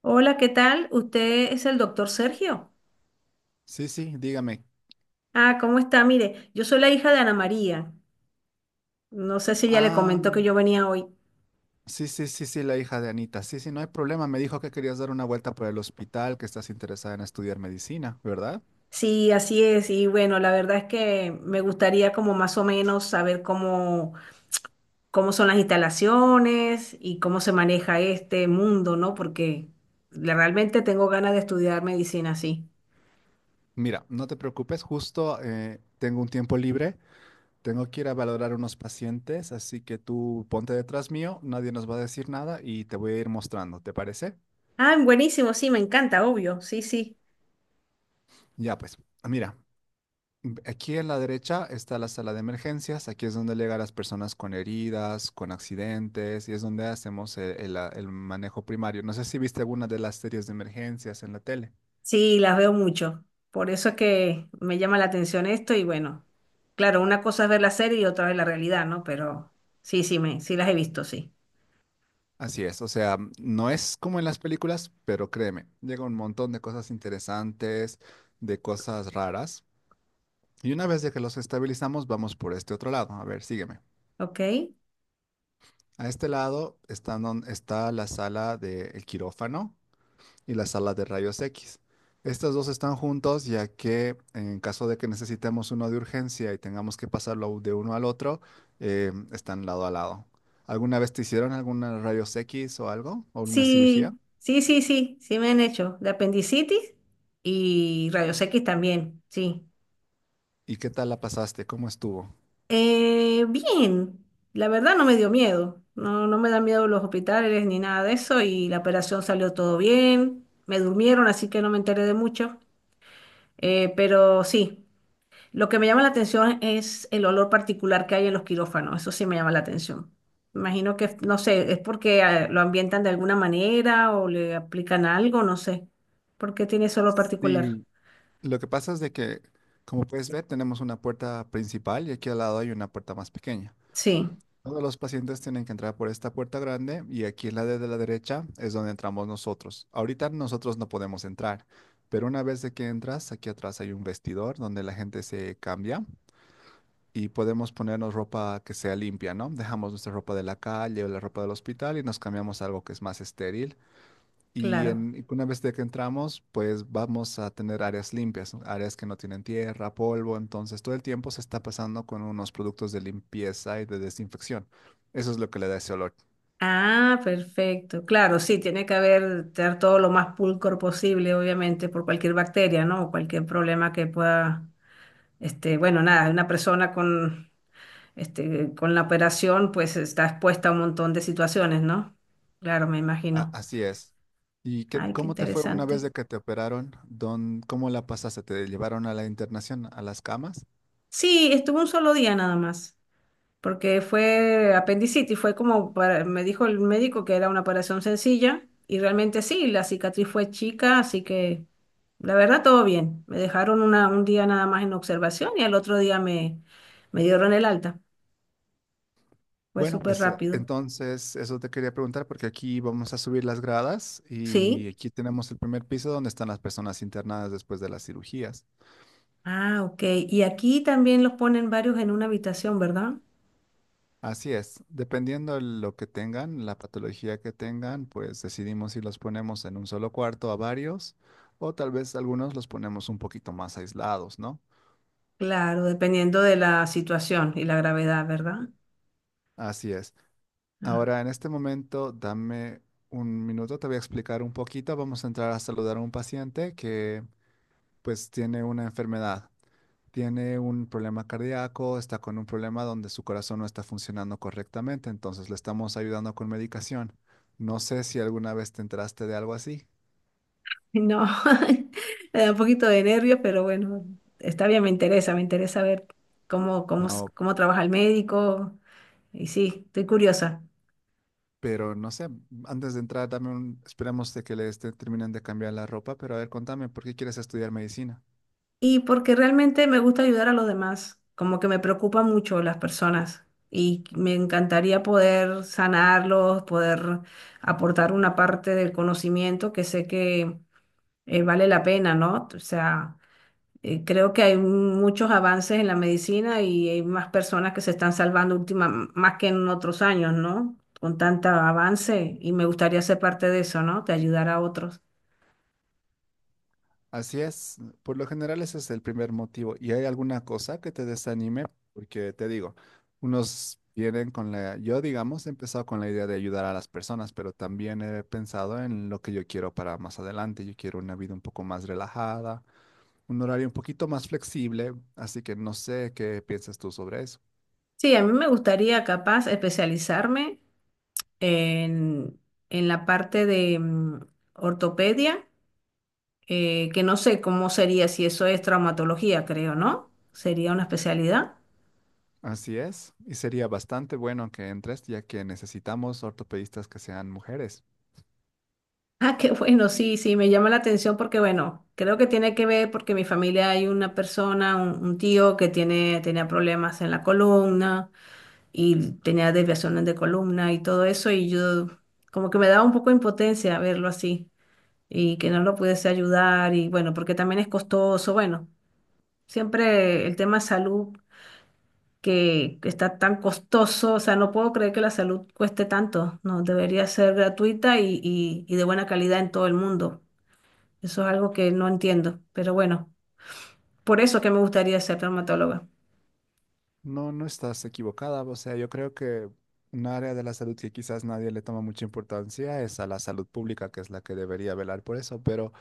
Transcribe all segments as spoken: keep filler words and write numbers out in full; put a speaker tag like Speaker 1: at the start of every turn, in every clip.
Speaker 1: Hola, ¿qué tal? ¿Usted es el doctor Sergio?
Speaker 2: Sí, sí, dígame.
Speaker 1: Ah, ¿cómo está? Mire, yo soy la hija de Ana María. No sé si ya le
Speaker 2: Ah,
Speaker 1: comentó que yo venía hoy.
Speaker 2: sí, sí, sí, sí, la hija de Anita. Sí, sí, no hay problema. Me dijo que querías dar una vuelta por el hospital, que estás interesada en estudiar medicina, ¿verdad?
Speaker 1: Sí, así es. Y bueno, la verdad es que me gustaría como más o menos saber cómo, cómo son las instalaciones y cómo se maneja este mundo, ¿no? Porque le- realmente tengo ganas de estudiar medicina, sí.
Speaker 2: Mira, no te preocupes, justo eh, tengo un tiempo libre, tengo que ir a valorar unos pacientes, así que tú ponte detrás mío, nadie nos va a decir nada y te voy a ir mostrando, ¿te parece?
Speaker 1: Ah, buenísimo, sí, me encanta, obvio. Sí, sí.
Speaker 2: Ya, pues, mira, Mm, aquí en la derecha está la sala de emergencias, aquí es donde llegan las personas con heridas, con accidentes, y es donde hacemos el, el- la- el manejo primario. No sé si viste alguna de las series de emergencias en la tele.
Speaker 1: Sí, las veo mucho. Por eso es que me llama la atención esto y bueno, claro, una cosa es ver la serie y otra es la realidad, ¿no? Pero sí, sí, me, sí las he visto, sí.
Speaker 2: Así es, o sea, no es como en las películas, pero créeme, llega un montón de cosas interesantes, de cosas raras, y una vez de que los estabilizamos, vamos por este otro lado. A ver, sígueme.
Speaker 1: ¿Ok?
Speaker 2: A este lado está, don- está la sala del quirófano y las salas de rayos X. Estas dos están juntos ya que en caso de que necesitemos uno de urgencia y tengamos que pasarlo de uno al otro, eh, están lado a lado. ¿Alguna vez te hicieron alguna rayos X o algo? ¿O alguna cirugía?
Speaker 1: Sí, sí, sí, sí, sí me han hecho. De apendicitis y rayos X también, sí.
Speaker 2: ¿Y qué tal la pasaste? ¿Cómo estuvo?
Speaker 1: Eh, bien, la verdad no me dio miedo. No, no me dan miedo los hospitales ni nada de eso y la operación salió todo bien. Me durmieron, así que no me enteré de mucho. Eh, pero sí. Lo que me llama la atención es el olor particular que hay en los quirófanos. Eso sí me llama la atención. Imagino que, no sé, es porque eh, lo ambientan de alguna manera o le aplican algo, no sé. ¿Por qué tiene ese olor particular?
Speaker 2: Sí, lo que pasa es de que, como puedes ver, tenemos una puerta principal y aquí al lado hay una puerta más pequeña.
Speaker 1: Sí,
Speaker 2: Todos los pacientes tienen que entrar por esta puerta grande y aquí en la de la derecha es donde entramos nosotros. Ahorita nosotros no podemos entrar, pero una vez de que entras, aquí atrás hay un vestidor donde la gente se cambia y podemos ponernos ropa que sea limpia, ¿no? Dejamos nuestra ropa de la calle o la ropa del hospital y nos cambiamos a algo que es más estéril. Y
Speaker 1: claro.
Speaker 2: en, y una vez de que entramos, pues vamos a tener áreas limpias, ¿no? Áreas que no tienen tierra, polvo, entonces todo el tiempo se está pasando con unos productos de limpieza y de desinfección. Eso es lo que le da ese olor.
Speaker 1: Ah, perfecto. Claro, sí, tiene que haber tener todo lo más pulcro posible, obviamente, por cualquier bacteria, ¿no? O cualquier problema que pueda, este, bueno, nada, una persona con este, con la operación, pues está expuesta a un montón de situaciones, ¿no? Claro, me
Speaker 2: A-
Speaker 1: imagino.
Speaker 2: así es. ¿Y qué,
Speaker 1: Ay, qué
Speaker 2: cómo te fue una vez
Speaker 1: interesante.
Speaker 2: de que te operaron? ¿Dón- cómo la pasaste? ¿Te llevaron a la internación, a las camas?
Speaker 1: Sí, estuvo un solo día nada más, porque fue apendicitis, fue como para, me dijo el médico que era una operación sencilla, y realmente sí, la cicatriz fue chica, así que la verdad todo bien. Me dejaron una, un día nada más en observación y al otro día me, me dieron el alta. Fue
Speaker 2: Bueno,
Speaker 1: súper
Speaker 2: pues eh,
Speaker 1: rápido.
Speaker 2: entonces eso te quería preguntar porque aquí vamos a subir las gradas
Speaker 1: Sí.
Speaker 2: y aquí tenemos el primer piso donde están las personas internadas después de las cirugías.
Speaker 1: Ah, ok. Y aquí también los ponen varios en una habitación, ¿verdad?
Speaker 2: Así es, dependiendo de lo que tengan, la patología que tengan, pues decidimos si los ponemos en un solo cuarto a varios o tal vez algunos los ponemos un poquito más aislados, ¿no?
Speaker 1: Claro, dependiendo de la situación y la gravedad, ¿verdad?
Speaker 2: Así es.
Speaker 1: Ah,
Speaker 2: Ahora, en este momento, dame un minuto, te voy a explicar un poquito. Vamos a entrar a saludar a un paciente que pues tiene una enfermedad, tiene un problema cardíaco, está con un problema donde su corazón no está funcionando correctamente, entonces le estamos ayudando con medicación. No sé si alguna vez te enteraste de algo así.
Speaker 1: no, me da un poquito de nervios, pero bueno, está bien, me interesa, me interesa ver cómo, cómo, s-
Speaker 2: No,
Speaker 1: cómo trabaja el médico. Y sí, estoy curiosa.
Speaker 2: pero no sé, antes de entrar, dame un, esperemos de que le esté, terminen de cambiar la ropa, pero a ver, contame, ¿por qué quieres estudiar medicina?
Speaker 1: Y porque realmente me gusta ayudar a los demás, como que me preocupan mucho las personas y me encantaría poder sanarlos, poder aportar una parte del conocimiento que sé que eh, vale la pena, ¿no? O sea... Eh, Creo que hay muchos avances en la medicina y hay más personas que se están salvando última, más que en otros años, ¿no? Con tanto avance y me gustaría ser parte de eso, ¿no? De ayudar a otros.
Speaker 2: Así es, por lo general ese es el primer motivo. ¿Y hay alguna cosa que te desanime? Porque te digo, unos vienen con la, yo digamos, he empezado con la idea de ayudar a las personas, pero también he pensado en lo que yo quiero para más adelante. Yo quiero una vida un poco más relajada, un horario un poquito más flexible, así que no sé qué piensas tú sobre eso.
Speaker 1: Sí, a mí me gustaría capaz especializarme en, en la parte de mm, ortopedia, eh, que no sé cómo sería si eso es traumatología, creo, ¿no? Sería una especialidad.
Speaker 2: Así es, y sería bastante bueno que entres, ya que necesitamos ortopedistas que sean mujeres.
Speaker 1: Ah, qué bueno, sí, sí, me llama la atención porque, bueno, creo que tiene que ver porque en mi familia hay una persona, un, un tío que tiene, tenía problemas en la columna y tenía desviaciones de columna y todo eso y yo como que me daba un poco de impotencia verlo así y que no lo pudiese ayudar y bueno, porque también es costoso, bueno, siempre el tema salud que está tan costoso, o sea, no puedo creer que la salud cueste tanto, no, debería ser gratuita y, y y de buena calidad en todo el mundo. Eso es algo que no entiendo, pero bueno, por eso es que me gustaría ser traumatóloga.
Speaker 2: No, no estás equivocada, o sea, yo creo que un área de la salud que quizás nadie le toma mucha importancia es a la salud pública, que es la que debería velar por eso, pero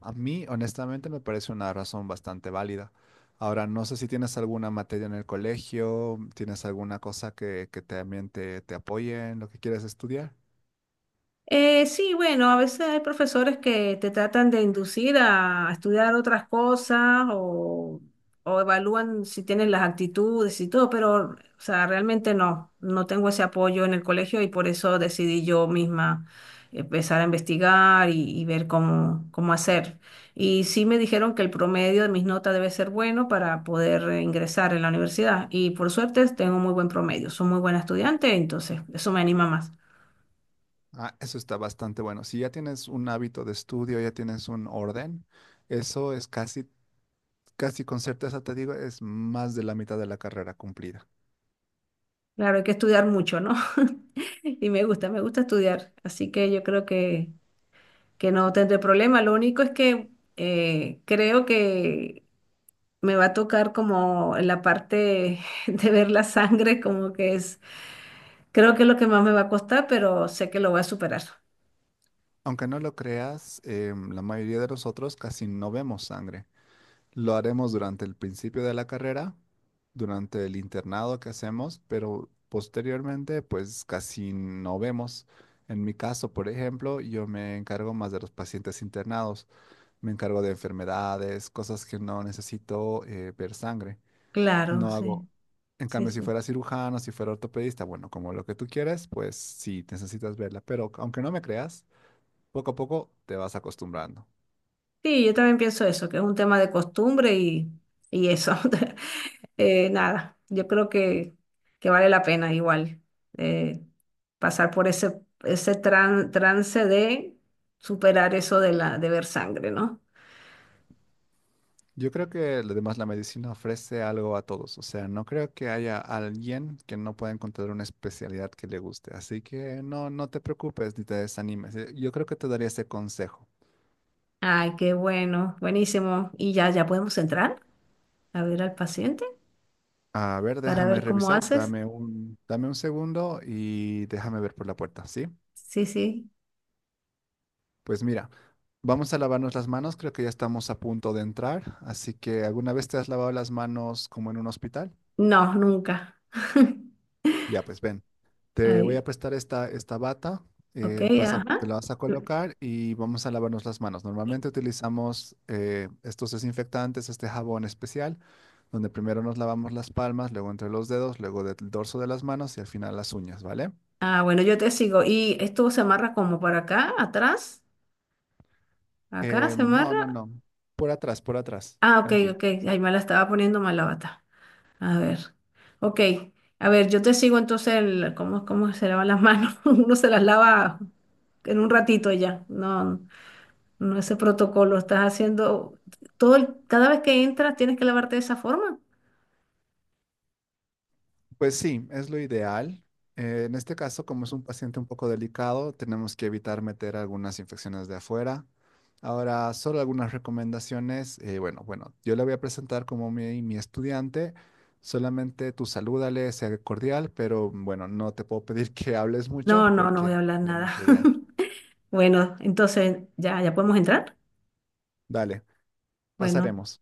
Speaker 2: a mí honestamente me parece una razón bastante válida. Ahora, no sé si tienes alguna materia en el colegio, tienes alguna cosa que, que también te, te apoye en lo que quieres estudiar.
Speaker 1: Eh, sí, bueno, a veces hay profesores que te tratan de inducir a estudiar otras cosas o, o evalúan si tienes las actitudes y todo, pero, o sea, realmente no, no tengo ese apoyo en el colegio y por eso decidí yo misma empezar a investigar y, y ver cómo, cómo hacer. Y sí me dijeron que el promedio de mis notas debe ser bueno para poder eh, ingresar en la universidad y por suerte tengo muy buen promedio, soy muy buena estudiante, entonces eso me anima más.
Speaker 2: Ah, eso está bastante bueno. Si ya tienes un hábito de estudio, ya tienes un orden, eso es casi, casi con certeza te digo, es más de la mitad de la carrera cumplida.
Speaker 1: Claro, hay que estudiar mucho, ¿no? Y me gusta, me gusta estudiar, así que yo creo que, que no tendré problema. Lo único es que eh, creo que me va a tocar como en la parte de ver la sangre, como que es, creo que es lo que más me va a costar, pero sé que lo voy a superar.
Speaker 2: Aunque no lo creas, em, la mayoría de nosotros casi no vemos sangre. Lo haremos durante el principio de la carrera, durante el internado que hacemos, pero posteriormente, pues casi no vemos. En mi caso, por ejemplo, yo me encargo más de los pacientes internados. Me encargo de enfermedades, cosas que no necesito eh, ver sangre.
Speaker 1: Claro,
Speaker 2: No
Speaker 1: sí,
Speaker 2: hago. En
Speaker 1: sí,
Speaker 2: cambio, si
Speaker 1: sí.
Speaker 2: fuera cirujano, si fuera ortopedista, bueno, como lo que tú quieras, pues sí, necesitas verla. Pero aunque no me creas, poco a poco te vas acostumbrando.
Speaker 1: Sí, yo también pienso eso, que es un tema de costumbre y, y eso. Eh, nada, yo creo que, que vale la pena igual, eh, pasar por ese, ese tran- trance de superar eso de la, de ver sangre, ¿no?
Speaker 2: Yo creo que además la medicina ofrece algo a todos. O sea, no creo que haya alguien que no pueda encontrar una especialidad que le guste. Así que no, no te preocupes ni te desanimes. Eh, Yo creo que te daría ese consejo.
Speaker 1: Ay, qué bueno, buenísimo. Y ya, ya podemos entrar a ver al paciente
Speaker 2: A ver,
Speaker 1: para
Speaker 2: déjame
Speaker 1: ver cómo
Speaker 2: revisar,
Speaker 1: haces.
Speaker 2: dame un, dame un segundo y déjame ver por la puerta, ¿sí?
Speaker 1: Sí, sí.
Speaker 2: Pues mira, vamos a lavarnos las manos, creo que ya estamos a punto de entrar, así que ¿alguna vez te has lavado las manos como en un hospital?
Speaker 1: No, nunca.
Speaker 2: Ya, pues ven, te voy
Speaker 1: Ay,
Speaker 2: a prestar esta, esta bata,
Speaker 1: ok,
Speaker 2: eh, vas a- te
Speaker 1: ajá.
Speaker 2: la vas a colocar y vamos a lavarnos las manos. Normalmente utilizamos eh, estos desinfectantes, este jabón especial, donde primero nos lavamos las palmas, luego entre los dedos, luego del dorso de las manos y al final las uñas, ¿vale?
Speaker 1: Ah, bueno, yo te sigo. ¿Y esto se amarra como por acá, atrás? ¿Acá
Speaker 2: Eh,
Speaker 1: se
Speaker 2: no,
Speaker 1: amarra?
Speaker 2: no, no. Por atrás, por atrás.
Speaker 1: Ah, ok,
Speaker 2: Tranquila.
Speaker 1: ok. Ay, me la estaba poniendo mal la bata. A ver. Ok. A ver, yo te sigo entonces el, cómo, cómo se lavan las manos. Uno se las lava en un ratito ya. No, no ese protocolo. Estás haciendo todo el- cada vez que entras tienes que lavarte de esa forma.
Speaker 2: Pues sí, es lo ideal. Eh, en este caso, como es un paciente un poco delicado, tenemos que evitar meter algunas infecciones de afuera. Ahora, solo algunas recomendaciones. Eh, bueno, bueno, yo le voy a presentar como mi, mi estudiante. Solamente tú salúdale, sea cordial, pero bueno, no te puedo pedir que hables mucho
Speaker 1: No, no, no
Speaker 2: porque
Speaker 1: voy
Speaker 2: no
Speaker 1: a hablar
Speaker 2: tienes mucha
Speaker 1: nada.
Speaker 2: idea.
Speaker 1: Bueno, entonces ya, ya podemos entrar.
Speaker 2: Dale,
Speaker 1: Bueno.
Speaker 2: pasaremos.